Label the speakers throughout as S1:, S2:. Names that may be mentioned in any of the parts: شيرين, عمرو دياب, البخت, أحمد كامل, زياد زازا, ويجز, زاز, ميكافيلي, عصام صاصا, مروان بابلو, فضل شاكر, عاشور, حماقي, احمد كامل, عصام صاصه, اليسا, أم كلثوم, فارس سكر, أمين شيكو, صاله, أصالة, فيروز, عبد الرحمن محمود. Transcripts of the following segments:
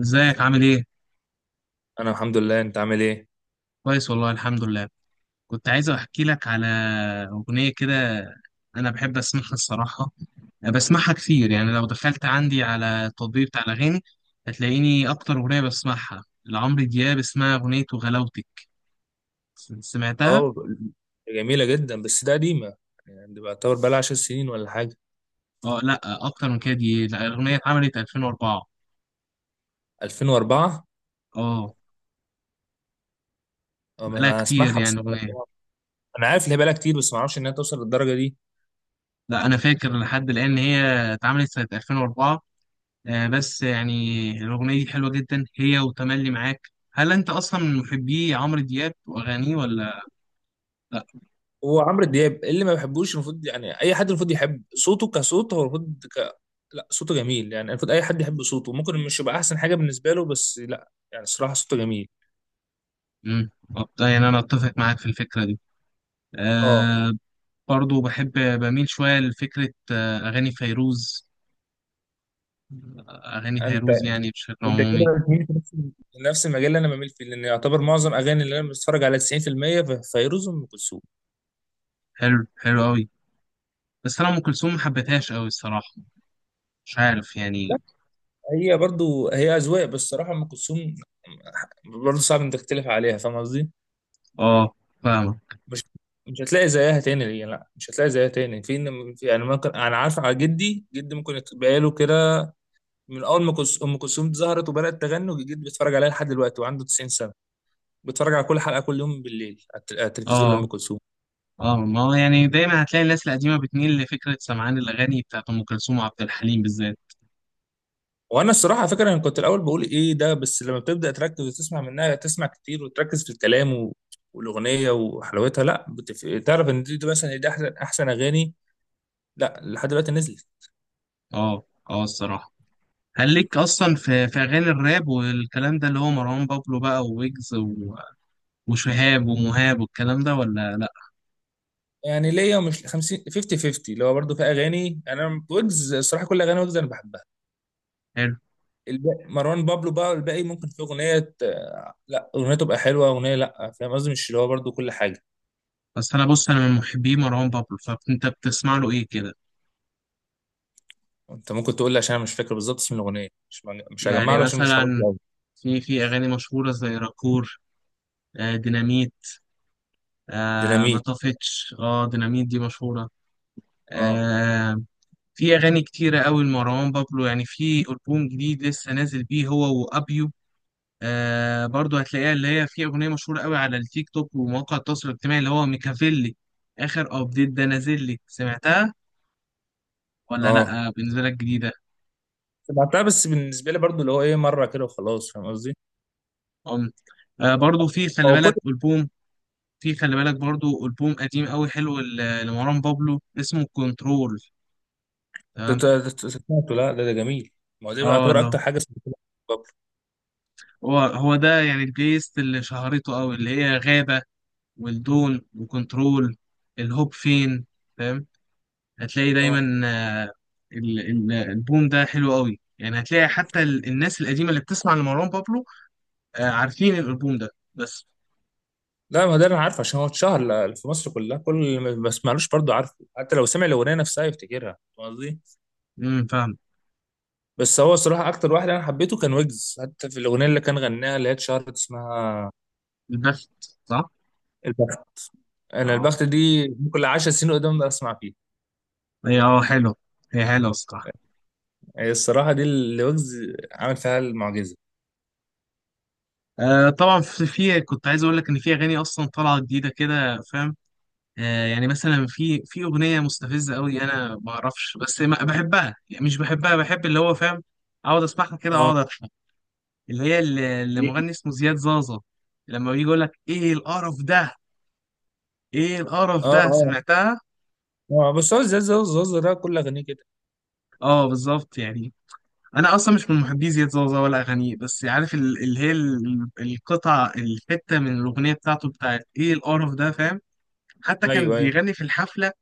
S1: ازيك عامل ايه؟
S2: انا الحمد لله. انت عامل ايه؟
S1: كويس والله، الحمد لله. كنت عايز احكي لك على اغنية كده، انا بحب اسمعها الصراحة. بسمعها كتير، يعني لو دخلت عندي على التطبيق بتاع الاغاني هتلاقيني اكتر اغنية بسمعها لعمرو دياب اسمها اغنية وغلاوتك. سمعتها؟
S2: اه، جميله جدا بس ده قديمه. يعني دي بعتبر بقى لها 10 سنين ولا حاجه.
S1: اه، لا، اكتر من كده. دي لا، الاغنية اتعملت 2004.
S2: 2004.
S1: اه،
S2: اه، ما
S1: بقالها
S2: انا
S1: كتير
S2: اسمعها بس
S1: يعني
S2: انا
S1: الاغنية.
S2: أنا عارف ان هي بقى لها كتير، بس ما اعرفش انها توصل للدرجه دي.
S1: لا، انا فاكر لحد الان ان هي اتعملت سنة 2004. بس يعني الأغنية دي حلوة جدا، هي وتملي معاك. هل أنت أصلا من محبي عمرو دياب وأغانيه ولا لأ؟
S2: هو عمرو دياب اللي ما بحبوش، المفروض يعني اي حد المفروض يحب صوته كصوت، هو المفروض لا، صوته جميل، يعني المفروض اي حد يحب صوته، ممكن مش يبقى احسن حاجه بالنسبه له، بس لا، يعني الصراحه صوته جميل.
S1: مم. طب ده يعني أنا أتفق معاك في الفكرة دي.
S2: اه.
S1: أه. برضو بحب، بميل شوية لفكرة أغاني فيروز. أغاني
S2: انت
S1: فيروز يعني بشكل
S2: انت كده
S1: عمومي.
S2: بتميل في نفس المجال اللي انا بميل فيه، لان يعتبر معظم اغاني اللي انا بتفرج على 90% فيروز وام كلثوم.
S1: حلو، حلو أوي. بس أنا أم كلثوم ما حبيتهاش أوي الصراحة. مش عارف
S2: لا،
S1: يعني.
S2: هي برضو هي اذواق، بس الصراحه ام كلثوم برضو صعب انك تختلف عليها، فاهم قصدي؟
S1: أه. فاهمة.
S2: مش مش هتلاقي زيها تاني. هي لا، مش هتلاقي زيها تاني في يعني ممكن، انا عارف على جدي جدي ممكن يبقى له كده. من اول ما ام كلثوم ظهرت وبدات تغني وجدي بيتفرج عليها لحد دلوقتي وعنده 90 سنه. بيتفرج على كل حلقه كل يوم بالليل على على التلفزيون لام
S1: أه.
S2: كلثوم.
S1: اه، ما هو يعني دايما هتلاقي الناس القديمه بتميل لفكره سمعان الاغاني بتاعت ام كلثوم وعبد الحليم بالذات.
S2: وانا الصراحه على فكره انا كنت الاول بقول ايه ده، بس لما بتبدا تركز وتسمع منها، تسمع كتير وتركز في الكلام والاغنيه وحلاوتها، لا تعرف ان دي مثلا، دي احسن اغاني لا لحد دلوقتي نزلت.
S1: اه، اه الصراحة. هل ليك أصلا في أغاني الراب والكلام ده، اللي هو مروان بابلو بقى وويجز وشهاب ومهاب والكلام ده، ولا لأ؟
S2: يعني ليا ومش 50 50 50 اللي هو برضه في اغاني. انا ويجز الصراحه كل اغاني ويجز انا بحبها.
S1: حلو.
S2: الباقي مروان بابلو بقى، الباقي ممكن في لا، اغنيه تبقى حلوه اغنيه، لا فاهم قصدي، مش اللي هو برضه كل حاجه.
S1: بس أنا بص، أنا من محبي مروان بابلو، فأنت بتسمع له إيه كده؟
S2: انت ممكن تقول لي عشان انا مش فاكر بالظبط اسم الاغنيه، مش هجمع
S1: يعني
S2: له عشان مش حافظ
S1: مثلا
S2: له أوي.
S1: في أغاني مشهورة زي راكور. آه، ديناميت. آه، ما
S2: ديناميت.
S1: طفتش. اه، ديناميت دي مشهورة.
S2: اه،
S1: آه، في أغاني كتيرة أوي لمروان بابلو. يعني في ألبوم جديد لسه نازل بيه هو وأبيو. آه، برضو هتلاقيها اللي هي في أغنية مشهورة قوي على التيك توك ومواقع التواصل الاجتماعي، اللي هو ميكافيلي. آخر أبديت ده نازل لي، سمعتها ولا
S2: اه،
S1: لأ؟ بالنسبة لك جديدة.
S2: سمعتها، بس بالنسبه لي برضو اللي هو ايه مره كده وخلاص، فاهم قصدي؟
S1: أم برضو في خلي
S2: هو كل
S1: بالك ألبوم. في خلي بالك برضو ألبوم قديم قوي حلو لمروان بابلو، اسمه كنترول.
S2: ت-
S1: تمام.
S2: ت- سمعته، لا ده جميل. ما هو ده
S1: اه،
S2: يعتبر
S1: لا،
S2: اكتر حاجه سمعتها قبل.
S1: هو ده يعني البيست اللي شهرته قوي، اللي هي غابة والدون وكنترول. الهوب فين؟ هتلاقي
S2: اه
S1: دايما. الالبوم ده حلو قوي. يعني هتلاقي حتى الناس القديمه اللي بتسمع لمروان بابلو، عارفين الالبوم ده. بس.
S2: لا، ما ده انا عارف عشان هو اتشهر في مصر كلها. كل اللي ما بسمعلوش برضو عارفه، حتى لو سمع الاغنيه نفسها يفتكرها، فاهم قصدي؟
S1: فاهم.
S2: بس هو صراحه اكتر واحد انا حبيته كان ويجز، حتى في الاغنيه اللي كان غناها اللي هي اتشهرت اسمها
S1: البخت. صح.
S2: البخت. انا
S1: اه،
S2: البخت دي كل 10 سنين قدام اسمع فيها.
S1: هي حلو. هي حلوه الصراحه.
S2: هي الصراحه دي اللي ويجز عامل فيها المعجزه.
S1: آه، طبعا في كنت عايز اقول لك ان في اغاني اصلا طالعه جديده كده، فاهم؟ آه، يعني مثلا في اغنيه مستفزه قوي، انا ما اعرفش، بس ما بحبها يعني، مش بحبها، بحب اللي هو، فاهم؟ اقعد اسمعها كده،
S2: اه،
S1: اقعد. اللي هي، اللي
S2: دي.
S1: مغني اسمه زياد زازا. لما بيجي يقول لك: ايه القرف ده، ايه القرف
S2: اه،
S1: ده،
S2: اه،
S1: سمعتها؟
S2: اه، بس هو زاز ده كل اغانيه كده.
S1: اه، بالظبط يعني. انا اصلا مش من محبي زياد زازا ولا اغانيه، بس عارف اللي هي القطعه الحته من الاغنيه بتاعته، بتاعت ايه القرف ده، فاهم؟ حتى كان
S2: ايوه، ايوه.
S1: بيغني في الحفله.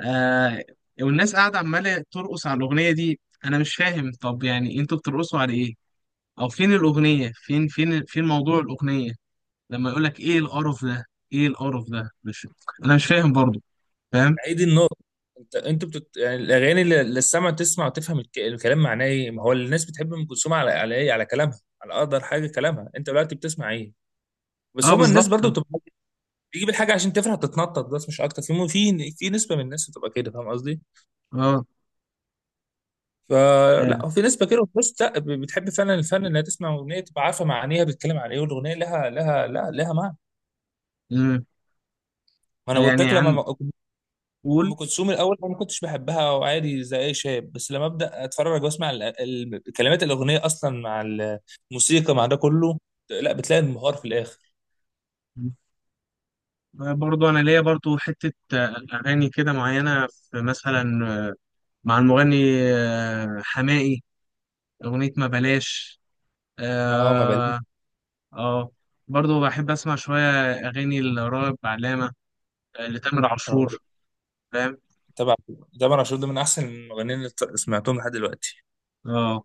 S1: آه والناس قاعده عماله ترقص على الاغنيه دي. انا مش فاهم، طب يعني انتوا بترقصوا على ايه؟ او فين الاغنيه، فين، فين، فين موضوع الاغنيه؟ لما يقول لك ايه القرف ده، ايه القرف ده؟ مش، انا مش فاهم برضو، فاهم؟
S2: هي دي النقطه. انت يعني الاغاني اللي السمع تسمع وتفهم الكلام معناه ايه. ما هو الناس بتحب ام كلثوم على ايه؟ على كلامها، على اقدر حاجه كلامها. انت دلوقتي بتسمع ايه؟ بس
S1: اه،
S2: هما الناس
S1: بالظبط.
S2: برضو بتبقى بتجيب الحاجه عشان تفرح تتنطط، بس مش اكتر. في في نسبه من الناس بتبقى كده، فاهم قصدي؟
S1: اه.
S2: فلا،
S1: آه،
S2: هو في نسبه كده وفي ناس لا، بتحب فعلا الفن، انها تسمع اغنيه تبقى عارفه معانيها، بتتكلم عن ايه، والاغنيه لها لا، لها معنى.
S1: مم.
S2: ما انا قلت
S1: يعني
S2: لك
S1: عن،
S2: لما ام
S1: قول.
S2: كلثوم الاول انا ما كنتش بحبها، وعادي زي اي شاب، بس لما ابدا اتفرج واسمع كلمات الاغنيه اصلا مع الموسيقى مع ده كله، لا بتلاقي انبهار في الاخر.
S1: برضو انا ليا برضو حتة، اغاني كده معينة، في مثلا مع المغني، حماقي. اغنية ما بلاش.
S2: ما هو ما بالي.
S1: اه. آه. برضو بحب اسمع شوية اغاني لراغب علامة، لتامر عاشور، فاهم؟
S2: طبعا، طبعا عاشور ده من احسن المغنيين اللي سمعتهم لحد دلوقتي.
S1: اه،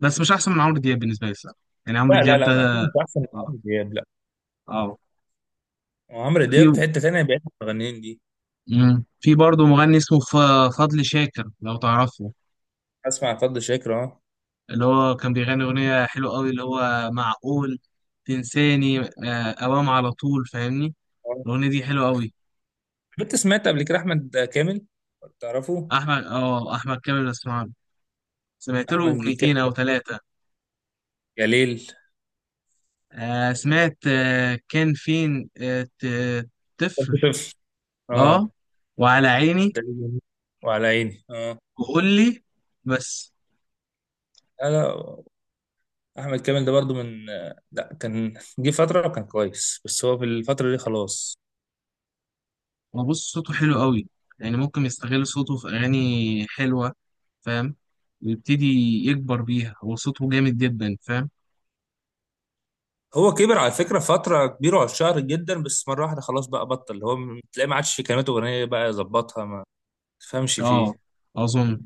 S1: بس مش احسن من عمرو دياب بالنسبة لي الصراحة. يعني عمرو
S2: لا لا
S1: دياب
S2: لا، ما
S1: ده.
S2: اكيد مش احسن من
S1: اه.
S2: عمرو دياب لا.
S1: آه.
S2: عمرو
S1: في.
S2: دياب في حته تانيه بعيد عن المغنيين دي.
S1: مم. في برضه مغني اسمه فضل شاكر، لو تعرفه.
S2: اسمع فضل شاكر، اه.
S1: اللي هو كان بيغني أغنية حلوة قوي، اللي هو: معقول تنساني أوام على طول، فاهمني؟
S2: آه.
S1: الأغنية دي حلوة قوي.
S2: كنت سمعت قبل كده احمد كامل. تعرفه؟
S1: أحمد كامل بسمع له. سمعت له
S2: احمد
S1: أغنيتين أو
S2: كامل،
S1: ثلاثة.
S2: يا ليل.
S1: آه، سمعت. كان فين؟
S2: كنت
S1: طفل.
S2: طفل.
S1: أه.
S2: اه.
S1: وعلى عيني.
S2: ده جميل. وعلى عيني، اه.
S1: وقول لي. بس.
S2: لا لا، احمد كامل ده برضو من، لا كان جه فتره وكان كويس بس هو في الفتره دي خلاص.
S1: هو بص، صوته حلو قوي، يعني ممكن يستغل صوته في أغاني حلوة، فاهم؟ ويبتدي يكبر بيها. هو صوته جامد جدا، فاهم؟
S2: هو كبر على فكره فتره كبيره وعشان شهر جدا، بس مره واحده خلاص بقى بطل. هو تلاقيه ما عادش في كلمات اغنيه بقى يظبطها، ما تفهمش
S1: اه.
S2: فيه.
S1: أظن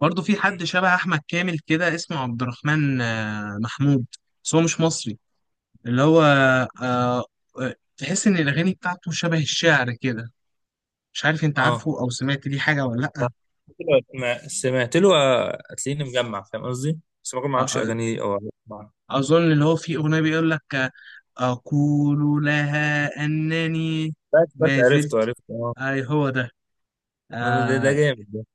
S1: برضه في
S2: م.
S1: حد شبه أحمد كامل كده، اسمه عبد الرحمن محمود. بس هو مش مصري. اللي هو، آه، تحس إن الأغاني بتاعته شبه الشعر كده. مش عارف، أنت
S2: اه،
S1: عارفه أو سمعت ليه حاجة ولا لأ؟
S2: ما سمعت له، هتلاقيني مجمع، فاهم قصدي، بس ما
S1: آه،
S2: اعرفش
S1: آه،
S2: اغانيه او أسمع.
S1: اظن اللي هو فيه اغنيه بيقول لك اقول لها انني
S2: بس
S1: ما زلت.
S2: عرفته اه.
S1: اي هو ده.
S2: آه، ده
S1: اه.
S2: جامد ده.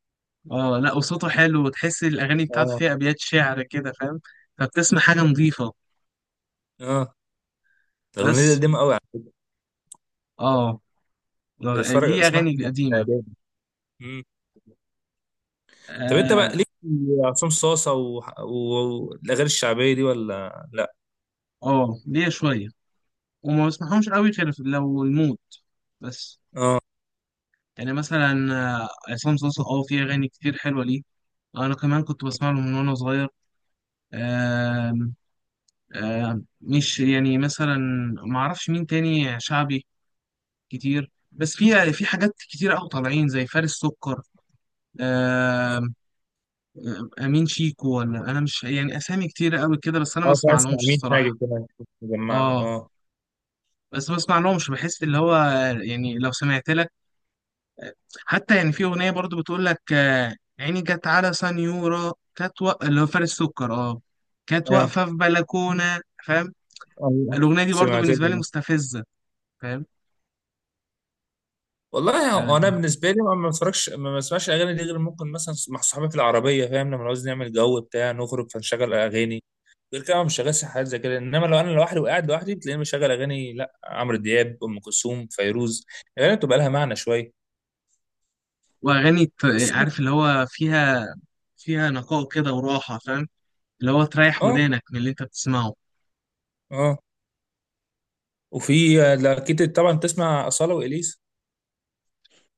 S1: لا، وصوته حلو، وتحس الاغاني بتاعته
S2: اه،
S1: فيها ابيات شعر كده، فاهم؟ فبتسمع حاجه نظيفه.
S2: اه. الاغنيه دي
S1: بس.
S2: قديمه قوي على
S1: اه.
S2: فكرة. بتفرج
S1: ليه
S2: اسمعها
S1: اغاني
S2: وأنا في
S1: قديمه.
S2: إعدادي. طب انت
S1: اه.
S2: بقى ليك في عصام صاصه والاغاني الشعبيه دي، ولا لا؟
S1: ليه شويه، وما بسمعهمش قوي غير لو المود. بس.
S2: اه،
S1: يعني مثلا عصام صاصا، اه في اغاني كتير حلوه ليه. انا كمان كنت بسمع له من وانا صغير. آه، مش، يعني مثلا ما اعرفش مين تاني شعبي كتير، بس في حاجات كتير قوي طالعين زي فارس سكر، آه، امين شيكو. ولا انا مش، يعني اسامي كتير قوي كده، بس انا ما
S2: اه،
S1: اسمع
S2: اسمع
S1: لهمش
S2: مين، حاجه
S1: الصراحه.
S2: كمان كنت مجمع له
S1: اه،
S2: اه.
S1: بس ما اسمع لهمش، بحس اللي هو، يعني لو سمعت لك، حتى يعني في اغنيه برضو بتقول لك عيني جت على سنيوره، كانت اللي هو فارس سكر، اه، كانت
S2: ايوه.
S1: واقفه في بلكونه، فاهم؟
S2: الله.
S1: الاغنيه دي برضو
S2: سمعت
S1: بالنسبه لي
S2: له.
S1: مستفزه، فاهم؟
S2: والله، هو انا
S1: آه،
S2: بالنسبه لي ما بتفرجش ما بسمعش الاغاني دي غير ممكن مثلا مع صحابي في العربيه، فاهم، لما عاوز نعمل جو بتاع نخرج فنشغل اغاني. غير كده مش شغال حاجات زي كده، انما لو انا لوحدي وقاعد لوحدي بتلاقيني بشغل اغاني لا عمرو دياب، ام كلثوم، فيروز. الاغاني بتبقى لها معنى شويه.
S1: واغاني
S2: بس.
S1: عارف اللي هو فيها، فيها نقاء كده وراحه، فاهم؟ اللي هو تريح
S2: اه،
S1: ودانك من اللي انت بتسمعه.
S2: اه. وفي، لا، اكيد طبعا تسمع اصاله واليسا.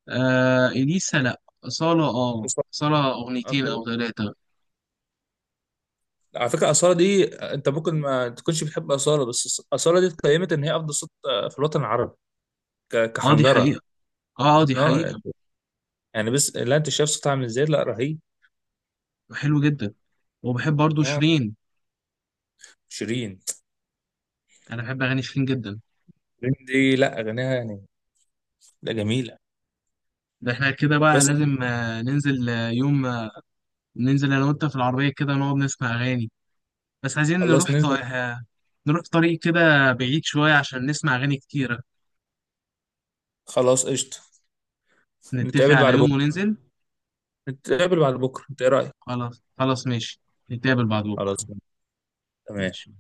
S1: آه، اليسا لا. صاله، اه
S2: أصالة-
S1: صاله اغنيتين او
S2: أصالة.
S1: ثلاثه.
S2: على فكره، اصاله دي انت ممكن ما تكونش بتحب اصاله، بس اصاله دي اتقيمت ان هي افضل صوت في الوطن العربي
S1: اه، دي حقيقه.
S2: كحنجره.
S1: اه. دي
S2: نو يعني،
S1: حقيقه.
S2: بس لا، انت شايف صوتها عامل ازاي؟ لا رهيب.
S1: حلو جدا. وبحب برضو
S2: اه،
S1: شيرين.
S2: شيرين.
S1: انا بحب اغاني شيرين جدا.
S2: شيرين دي، لا اغانيها يعني، لا جميله.
S1: ده احنا كده بقى
S2: بس
S1: لازم ننزل، يوم، ننزل انا وانت في العربيه كده نقعد نسمع اغاني. بس عايزين
S2: خلاص
S1: نروح
S2: ننزل.
S1: نروح طريق كده بعيد شويه عشان نسمع اغاني كتيره.
S2: خلاص قشطه.
S1: نتفق
S2: نتقابل بعد
S1: على يوم
S2: بكره
S1: وننزل.
S2: نتقابل بعد بكره، انت ايه رايك؟
S1: خلاص، خلاص، ماشي. نتقابل بعد
S2: خلاص.
S1: بكرة.
S2: تمام.
S1: ماشي.